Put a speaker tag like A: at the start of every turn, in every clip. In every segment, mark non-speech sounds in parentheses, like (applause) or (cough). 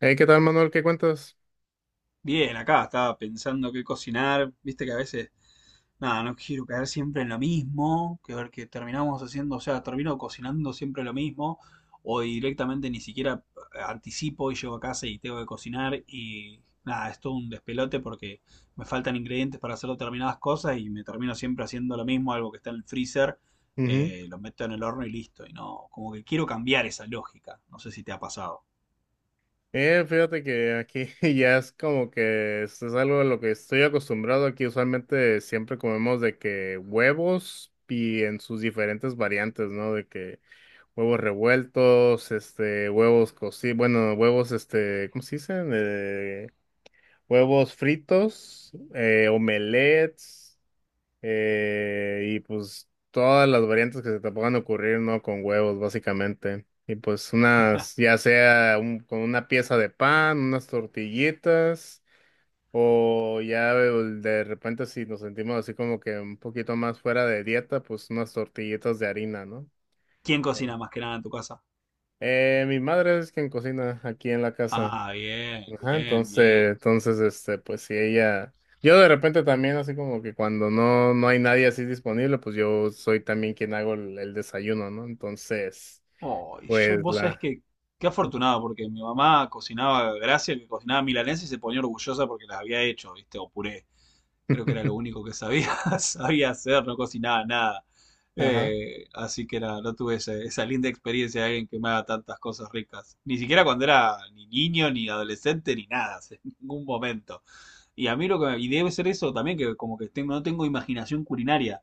A: Hey, ¿qué tal, Manuel? ¿Qué cuentas?
B: Bien, acá estaba pensando qué cocinar. Viste que a veces, nada, no quiero caer siempre en lo mismo, que ver que terminamos haciendo, o sea, termino cocinando siempre lo mismo, o directamente ni siquiera anticipo y llego a casa y tengo que cocinar y nada, es todo un despelote porque me faltan ingredientes para hacer determinadas cosas y me termino siempre haciendo lo mismo, algo que está en el freezer,
A: Ujú.
B: lo meto en el horno y listo. Y no, como que quiero cambiar esa lógica. No sé si te ha pasado.
A: Fíjate que aquí (laughs) ya es como que esto es algo a lo que estoy acostumbrado. Aquí usualmente siempre comemos de que huevos y en sus diferentes variantes, ¿no? De que huevos revueltos, este, huevos cocidos, bueno, huevos, este, ¿cómo se dicen? Huevos fritos, omelets. Y pues todas las variantes que se te puedan ocurrir, ¿no? Con huevos, básicamente. Y pues unas, ya sea con una pieza de pan, unas tortillitas, o ya de repente si nos sentimos así como que un poquito más fuera de dieta, pues unas tortillitas de harina, ¿no?
B: ¿Quién cocina más que nada en tu casa?
A: Mi madre es quien cocina aquí en la casa.
B: Ah, bien,
A: Ajá,
B: bien,
A: entonces,
B: bien.
A: entonces, este, pues si ella, yo de repente también así como que cuando no hay nadie así disponible, pues yo soy también quien hago el desayuno, ¿no? Entonces,
B: Oh, y yo,
A: pues
B: vos sabés que qué afortunado, porque mi mamá cocinaba, gracias, que cocinaba milanesa y se ponía orgullosa porque las había hecho, ¿viste? O puré. Creo que era lo
A: (laughs)
B: único que sabía, (laughs) sabía hacer, no cocinaba nada.
A: ajá,
B: Así que nada, no tuve esa linda experiencia de alguien que me haga tantas cosas ricas. Ni siquiera cuando era ni niño, ni adolescente, ni nada, (laughs) en ningún momento. Y a mí lo que, y debe ser eso también, que como que tengo, no tengo imaginación culinaria.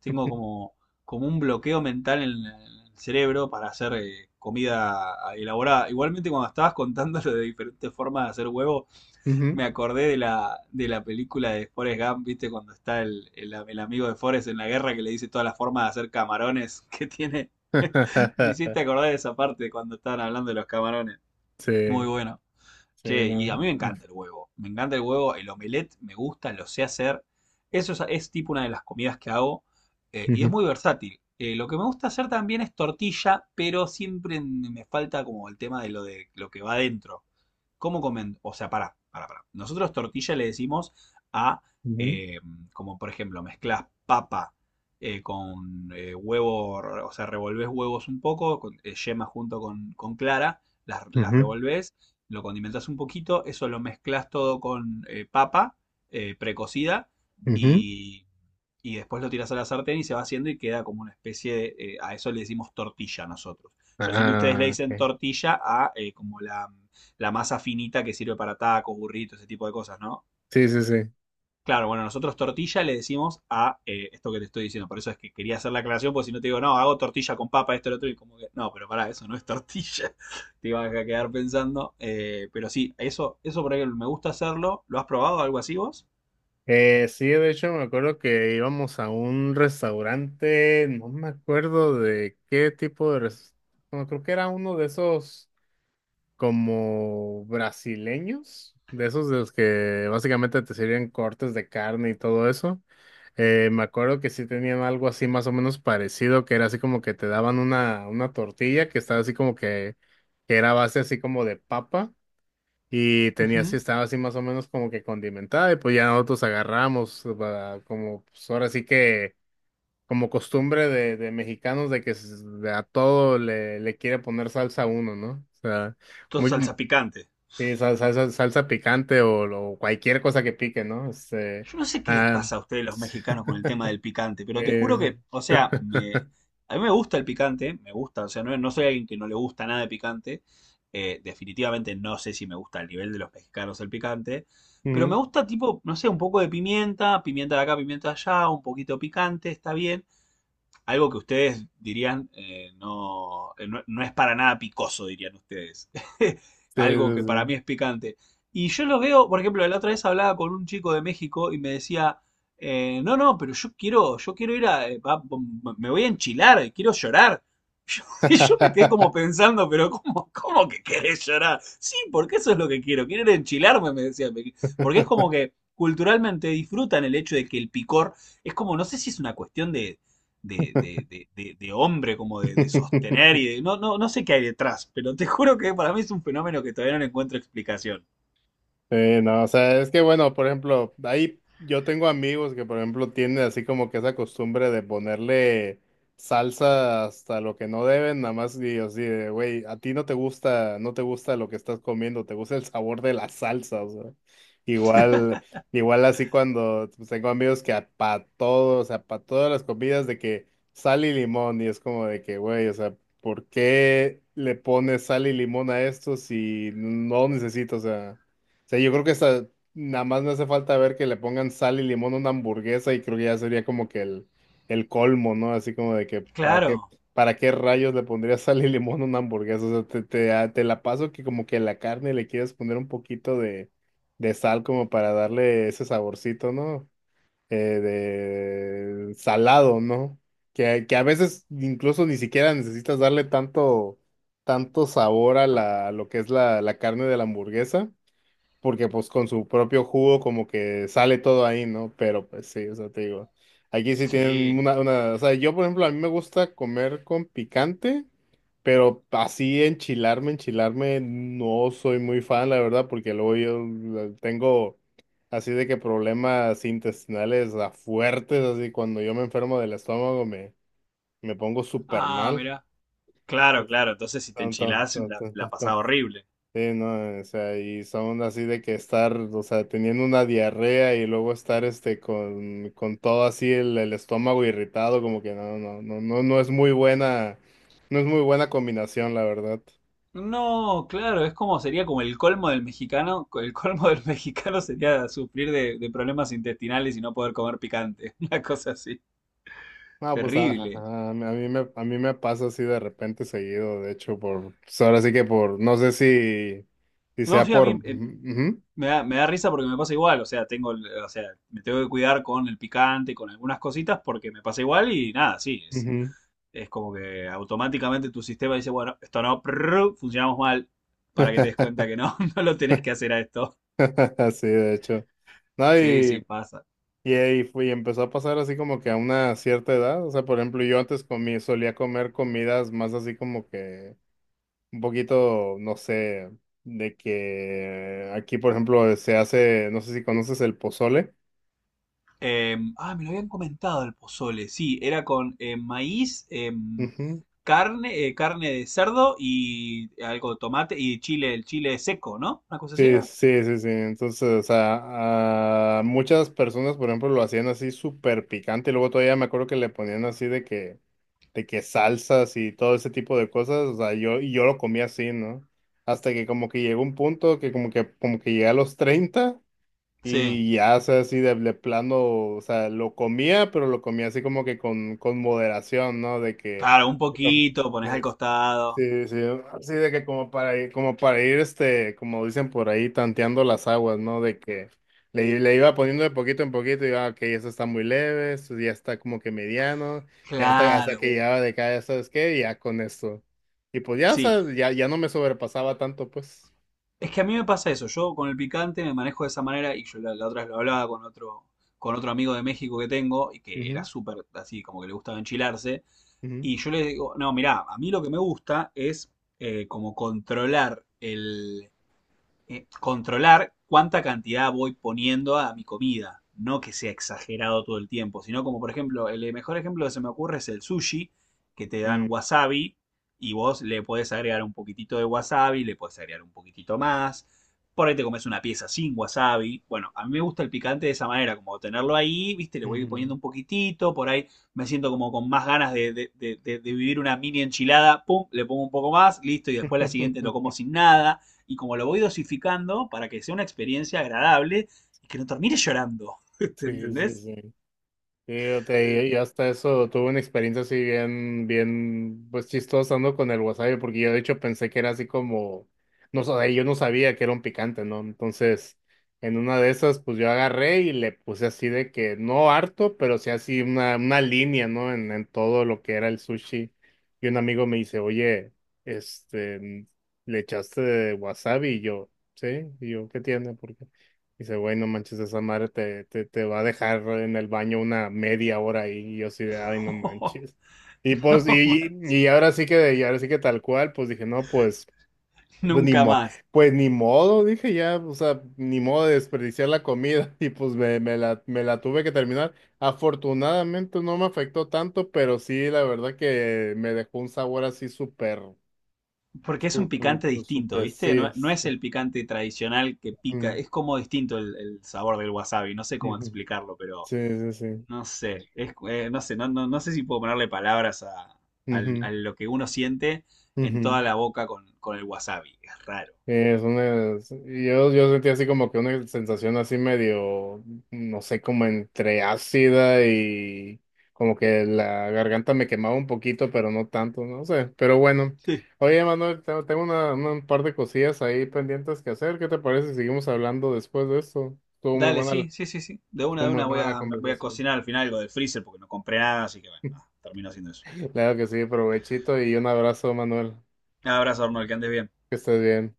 B: Tengo como un bloqueo mental en el cerebro para hacer comida elaborada. Igualmente cuando estabas contando lo de diferentes formas de hacer huevo,
A: ujú.
B: me acordé de la, película de Forrest Gump, ¿viste? Cuando está el amigo de Forrest en la guerra que le dice todas las formas de hacer camarones que tiene. (laughs) Me
A: (laughs)
B: hiciste acordar de esa parte cuando estaban hablando de los camarones.
A: Sí,
B: Muy bueno.
A: sí,
B: Che, y
A: no.
B: a mí me encanta el huevo. Me encanta el huevo, el omelette me gusta, lo sé hacer. Eso es tipo una de las comidas que hago y es
A: Ujú,
B: muy versátil. Lo que me gusta hacer también es tortilla, pero siempre me falta como el tema de lo que va adentro. ¿Cómo comen? O sea, pará, pará, pará. Nosotros tortilla le decimos a,
A: ujú,
B: eh, como por ejemplo, mezclas papa con huevo, o sea, revolvés huevos un poco, con, yema junto con clara, las
A: ujú,
B: revolvés, lo condimentas un poquito, eso lo mezclas todo con papa precocida
A: ujú.
B: y, y después lo tiras a la sartén y se va haciendo y queda como una especie de, a eso le decimos tortilla nosotros. Yo sé que ustedes le
A: Ah,
B: dicen
A: ok.
B: tortilla a como la masa finita que sirve para tacos, burritos, ese tipo de cosas, ¿no?
A: Sí, sí, sí.
B: Claro, bueno, nosotros tortilla le decimos a esto que te estoy diciendo. Por eso es que quería hacer la aclaración, porque si no te digo, no, hago tortilla con papa, esto, lo otro, y como que, no, pero pará, eso no es tortilla. (laughs) Te ibas a quedar pensando. Pero sí, eso por ahí me gusta hacerlo. ¿Lo has probado algo así vos?
A: Sí, de hecho me acuerdo que íbamos a un restaurante, no me acuerdo de qué tipo de restaurante, creo que era uno de esos como brasileños, de esos de los que básicamente te sirven cortes de carne y todo eso. Me acuerdo que sí tenían algo así más o menos parecido, que era así como que te daban una tortilla que estaba así como que era base así como de papa. Y tenía así,
B: Ujú.
A: estaba así más o menos como que condimentada, y pues ya nosotros agarramos, va, como pues ahora sí que, como costumbre de mexicanos, de a todo le quiere poner salsa a uno, ¿no? O sea,
B: Todo
A: muy, mu-
B: salsa picante.
A: sí, salsa picante o, cualquier cosa que pique, ¿no? Este,
B: Yo no sé qué les
A: ah,
B: pasa a ustedes los mexicanos con el tema del picante, pero te juro
A: eh,
B: que, o sea,
A: (laughs)
B: a mí me gusta el picante, me gusta, o sea, no, no soy alguien que no le gusta nada de picante, definitivamente no sé si me gusta el nivel de los mexicanos el picante, pero
A: Ujú.
B: me gusta tipo, no sé, un poco de pimienta, pimienta de acá, pimienta de allá, un poquito picante, está bien, algo que ustedes dirían no, no, no es para nada picoso, dirían ustedes. (laughs)
A: Sí,
B: Algo que para mí
A: sí,
B: es picante. Y yo lo veo, por ejemplo, la otra vez hablaba con un chico de México y me decía, no, no, pero yo quiero ir a, me voy a enchilar, quiero llorar. Yo- (laughs) y yo me quedé como pensando, pero ¿cómo, que querés llorar? Sí, porque eso es lo que quiero, quiero ir a enchilarme, me decía. Porque es como que culturalmente disfrutan el hecho de que el picor, es como, no sé si es una cuestión de hombre, como
A: sí.
B: de sostener
A: (laughs)
B: y de... No, no, no sé qué hay detrás, pero te (laughs) juro que para mí es un fenómeno que todavía no le encuentro explicación.
A: Sí, no, o sea, es que bueno, por ejemplo, ahí yo tengo amigos que, por ejemplo, tienen así como que esa costumbre de ponerle salsa hasta lo que no deben, nada más digo así de, güey, a ti no te gusta, no te gusta lo que estás comiendo, te gusta el sabor de la salsa, o sea, igual, igual así cuando pues, tengo amigos que para todo, o sea, para todas las comidas de que sal y limón, y es como de que, güey, o sea, ¿por qué le pones sal y limón a esto si no necesito, o sea? Sea, yo creo que hasta nada más me hace falta ver que le pongan sal y limón a una hamburguesa y creo que ya sería como que el colmo, ¿no? Así como de que,
B: Claro,
A: para qué rayos le pondrías sal y limón a una hamburguesa? O sea, te la paso que como que la carne le quieres poner un poquito de sal como para darle ese saborcito, ¿no? Eh, de salado, ¿no? Que a veces incluso ni siquiera necesitas darle tanto, tanto sabor a la, a lo que es la carne de la hamburguesa porque pues con su propio jugo como que sale todo ahí, ¿no? Pero pues sí, o sea, te digo, aquí sí tienen
B: sí.
A: o sea, yo por ejemplo, a mí me gusta comer con picante, pero así enchilarme, enchilarme, no soy muy fan, la verdad, porque luego yo tengo así de que problemas intestinales fuertes, así cuando yo me enfermo del estómago me pongo súper
B: Ah,
A: mal.
B: mirá. Claro,
A: Entonces,
B: claro, entonces si te
A: tan, tan,
B: enchilás
A: tan,
B: la,
A: tan,
B: la
A: tan, tan.
B: pasás horrible.
A: Sí, no, o sea, y son así de que estar, o sea, teniendo una diarrea y luego estar este con todo así el estómago irritado, como que no, no, no, no, no es muy buena, no es muy buena combinación, la verdad.
B: No, claro, es como sería como el colmo del mexicano. El colmo del (laughs) mexicano sería sufrir de problemas intestinales y no poder comer picante. (laughs) Una cosa así.
A: No, pues
B: Terrible.
A: a mí me pasa así de repente seguido, de hecho, por, pues, ahora sí que por, no sé si, si
B: No,
A: sea
B: sí, a
A: por,
B: mí eh,
A: ujú,
B: Me da, me da risa porque me pasa igual, o sea, tengo, o sea, me tengo que cuidar con el picante, con algunas cositas, porque me pasa igual y nada, sí, es,
A: ujú, (laughs)
B: es como que automáticamente tu sistema dice, bueno, esto no, prrr, funcionamos mal, para que te des cuenta que no, (laughs) no lo tenés que hacer a esto.
A: ujú, de hecho. No,
B: Sí, sí, pasa.
A: y ahí fue, y empezó a pasar así como que a una cierta edad. O sea, por ejemplo, yo antes comí, solía comer comidas más así como que un poquito, no sé, de que aquí, por ejemplo, se hace, no sé si conoces el pozole.
B: Ah, me lo habían comentado el pozole, sí, era con maíz,
A: Ujú.
B: carne de cerdo y algo de tomate y chile, el chile seco, ¿no? Una cosa así
A: Sí,
B: era.
A: sí, sí, sí. Entonces, o sea, a muchas personas, por ejemplo, lo hacían así súper picante y luego todavía me acuerdo que le ponían así de que salsas y todo ese tipo de cosas. O sea, yo, y yo lo comía así, ¿no? Hasta que como que llegó un punto que como que llegué a los 30
B: Sí.
A: y ya, o sea, así de plano, o sea, lo comía, pero lo comía así como que con moderación, ¿no? De que...
B: Claro, un poquito, pones al costado.
A: Sí, sí, así de que como para ir, este, como dicen por ahí, tanteando las aguas, ¿no? De que le iba poniendo de poquito en poquito y iba, ok, eso está muy leve, esto ya está como que mediano, y hasta
B: Claro,
A: que llegaba de cada, ¿sabes qué? Y ya con esto. Y pues ya, o
B: sí.
A: sea, ya, ya no me sobrepasaba tanto, pues.
B: Es que a mí me pasa eso. Yo con el picante me manejo de esa manera y yo la, otra vez lo hablaba con otro amigo de México que tengo y que era
A: Ujú,
B: súper así, como que le gustaba enchilarse.
A: ujú,
B: Y yo le digo, no, mirá, a mí lo que me gusta es como controlar controlar cuánta cantidad voy poniendo a mi comida. No que sea exagerado todo el tiempo, sino como por ejemplo, el mejor ejemplo que se me ocurre es el sushi, que te dan
A: mm,
B: wasabi y vos le podés agregar un poquitito de wasabi, le podés agregar un poquitito más. Por ahí te comes una pieza sin wasabi. Bueno, a mí me gusta el picante de esa manera, como tenerlo ahí, viste, le voy
A: ujú.
B: poniendo un poquitito, por ahí me siento como con más ganas de vivir una mini enchilada, pum, le pongo un poco más, listo, y después la siguiente lo como
A: (laughs)
B: sin nada y como lo voy dosificando para que sea una experiencia agradable y que no termine llorando. (laughs) ¿Te
A: Sí, sí,
B: entendés?
A: sí. Fíjate, y hasta eso tuve una experiencia así bien, bien, pues chistosa, ¿no? Con el wasabi, porque yo de hecho pensé que era así como, no sé, yo no sabía que era un picante, ¿no? Entonces, en una de esas, pues yo agarré y le puse así de que, no harto, pero sí así una línea, ¿no? En todo lo que era el sushi. Y un amigo me dice, oye, este, ¿le echaste wasabi? Y yo, sí, y yo, ¿qué tiene? Dice, güey, no manches, esa madre te va a dejar en el baño una media hora ahí. Y yo así de, ay, no
B: Oh,
A: manches. Y pues,
B: no,
A: y ahora sí que, y ahora sí que tal cual, pues dije, no, pues, pues ni
B: nunca
A: mo,
B: más.
A: pues ni modo, dije ya, o sea, ni modo de desperdiciar la comida. (laughs) Y pues me la tuve que terminar. Afortunadamente no me afectó tanto, pero sí, la verdad que me dejó un sabor así súper,
B: Porque es un
A: súper,
B: picante
A: súper,
B: distinto,
A: súper,
B: ¿viste?
A: sí.
B: No, no es el picante tradicional que pica,
A: Ujú,
B: es como distinto el, sabor del wasabi, no sé cómo
A: ujú.
B: explicarlo, pero
A: Sí, sí, sí.
B: no sé, no, no, no sé si puedo ponerle palabras a
A: Ujú,
B: lo que uno siente en
A: ujú.
B: toda la boca con el wasabi, es raro.
A: Sí, es una, yo sentí así como que una sensación así medio, no sé, como entre ácida y como que la garganta me quemaba un poquito, pero no tanto, no sé. Pero bueno, oye, Manuel, tengo un par de cosillas ahí pendientes que hacer. ¿Qué te parece si seguimos hablando después de esto?
B: Dale, sí, sí, sí, sí. De una,
A: Estuvo
B: de
A: muy
B: una
A: buena la
B: me voy a
A: conversación.
B: cocinar al final algo del freezer porque no compré nada, así que bueno, nada,
A: (laughs)
B: termino haciendo eso.
A: Claro que sí, provechito y un abrazo, Manuel.
B: Un abrazo, Arnold, que andes bien.
A: Que estés bien.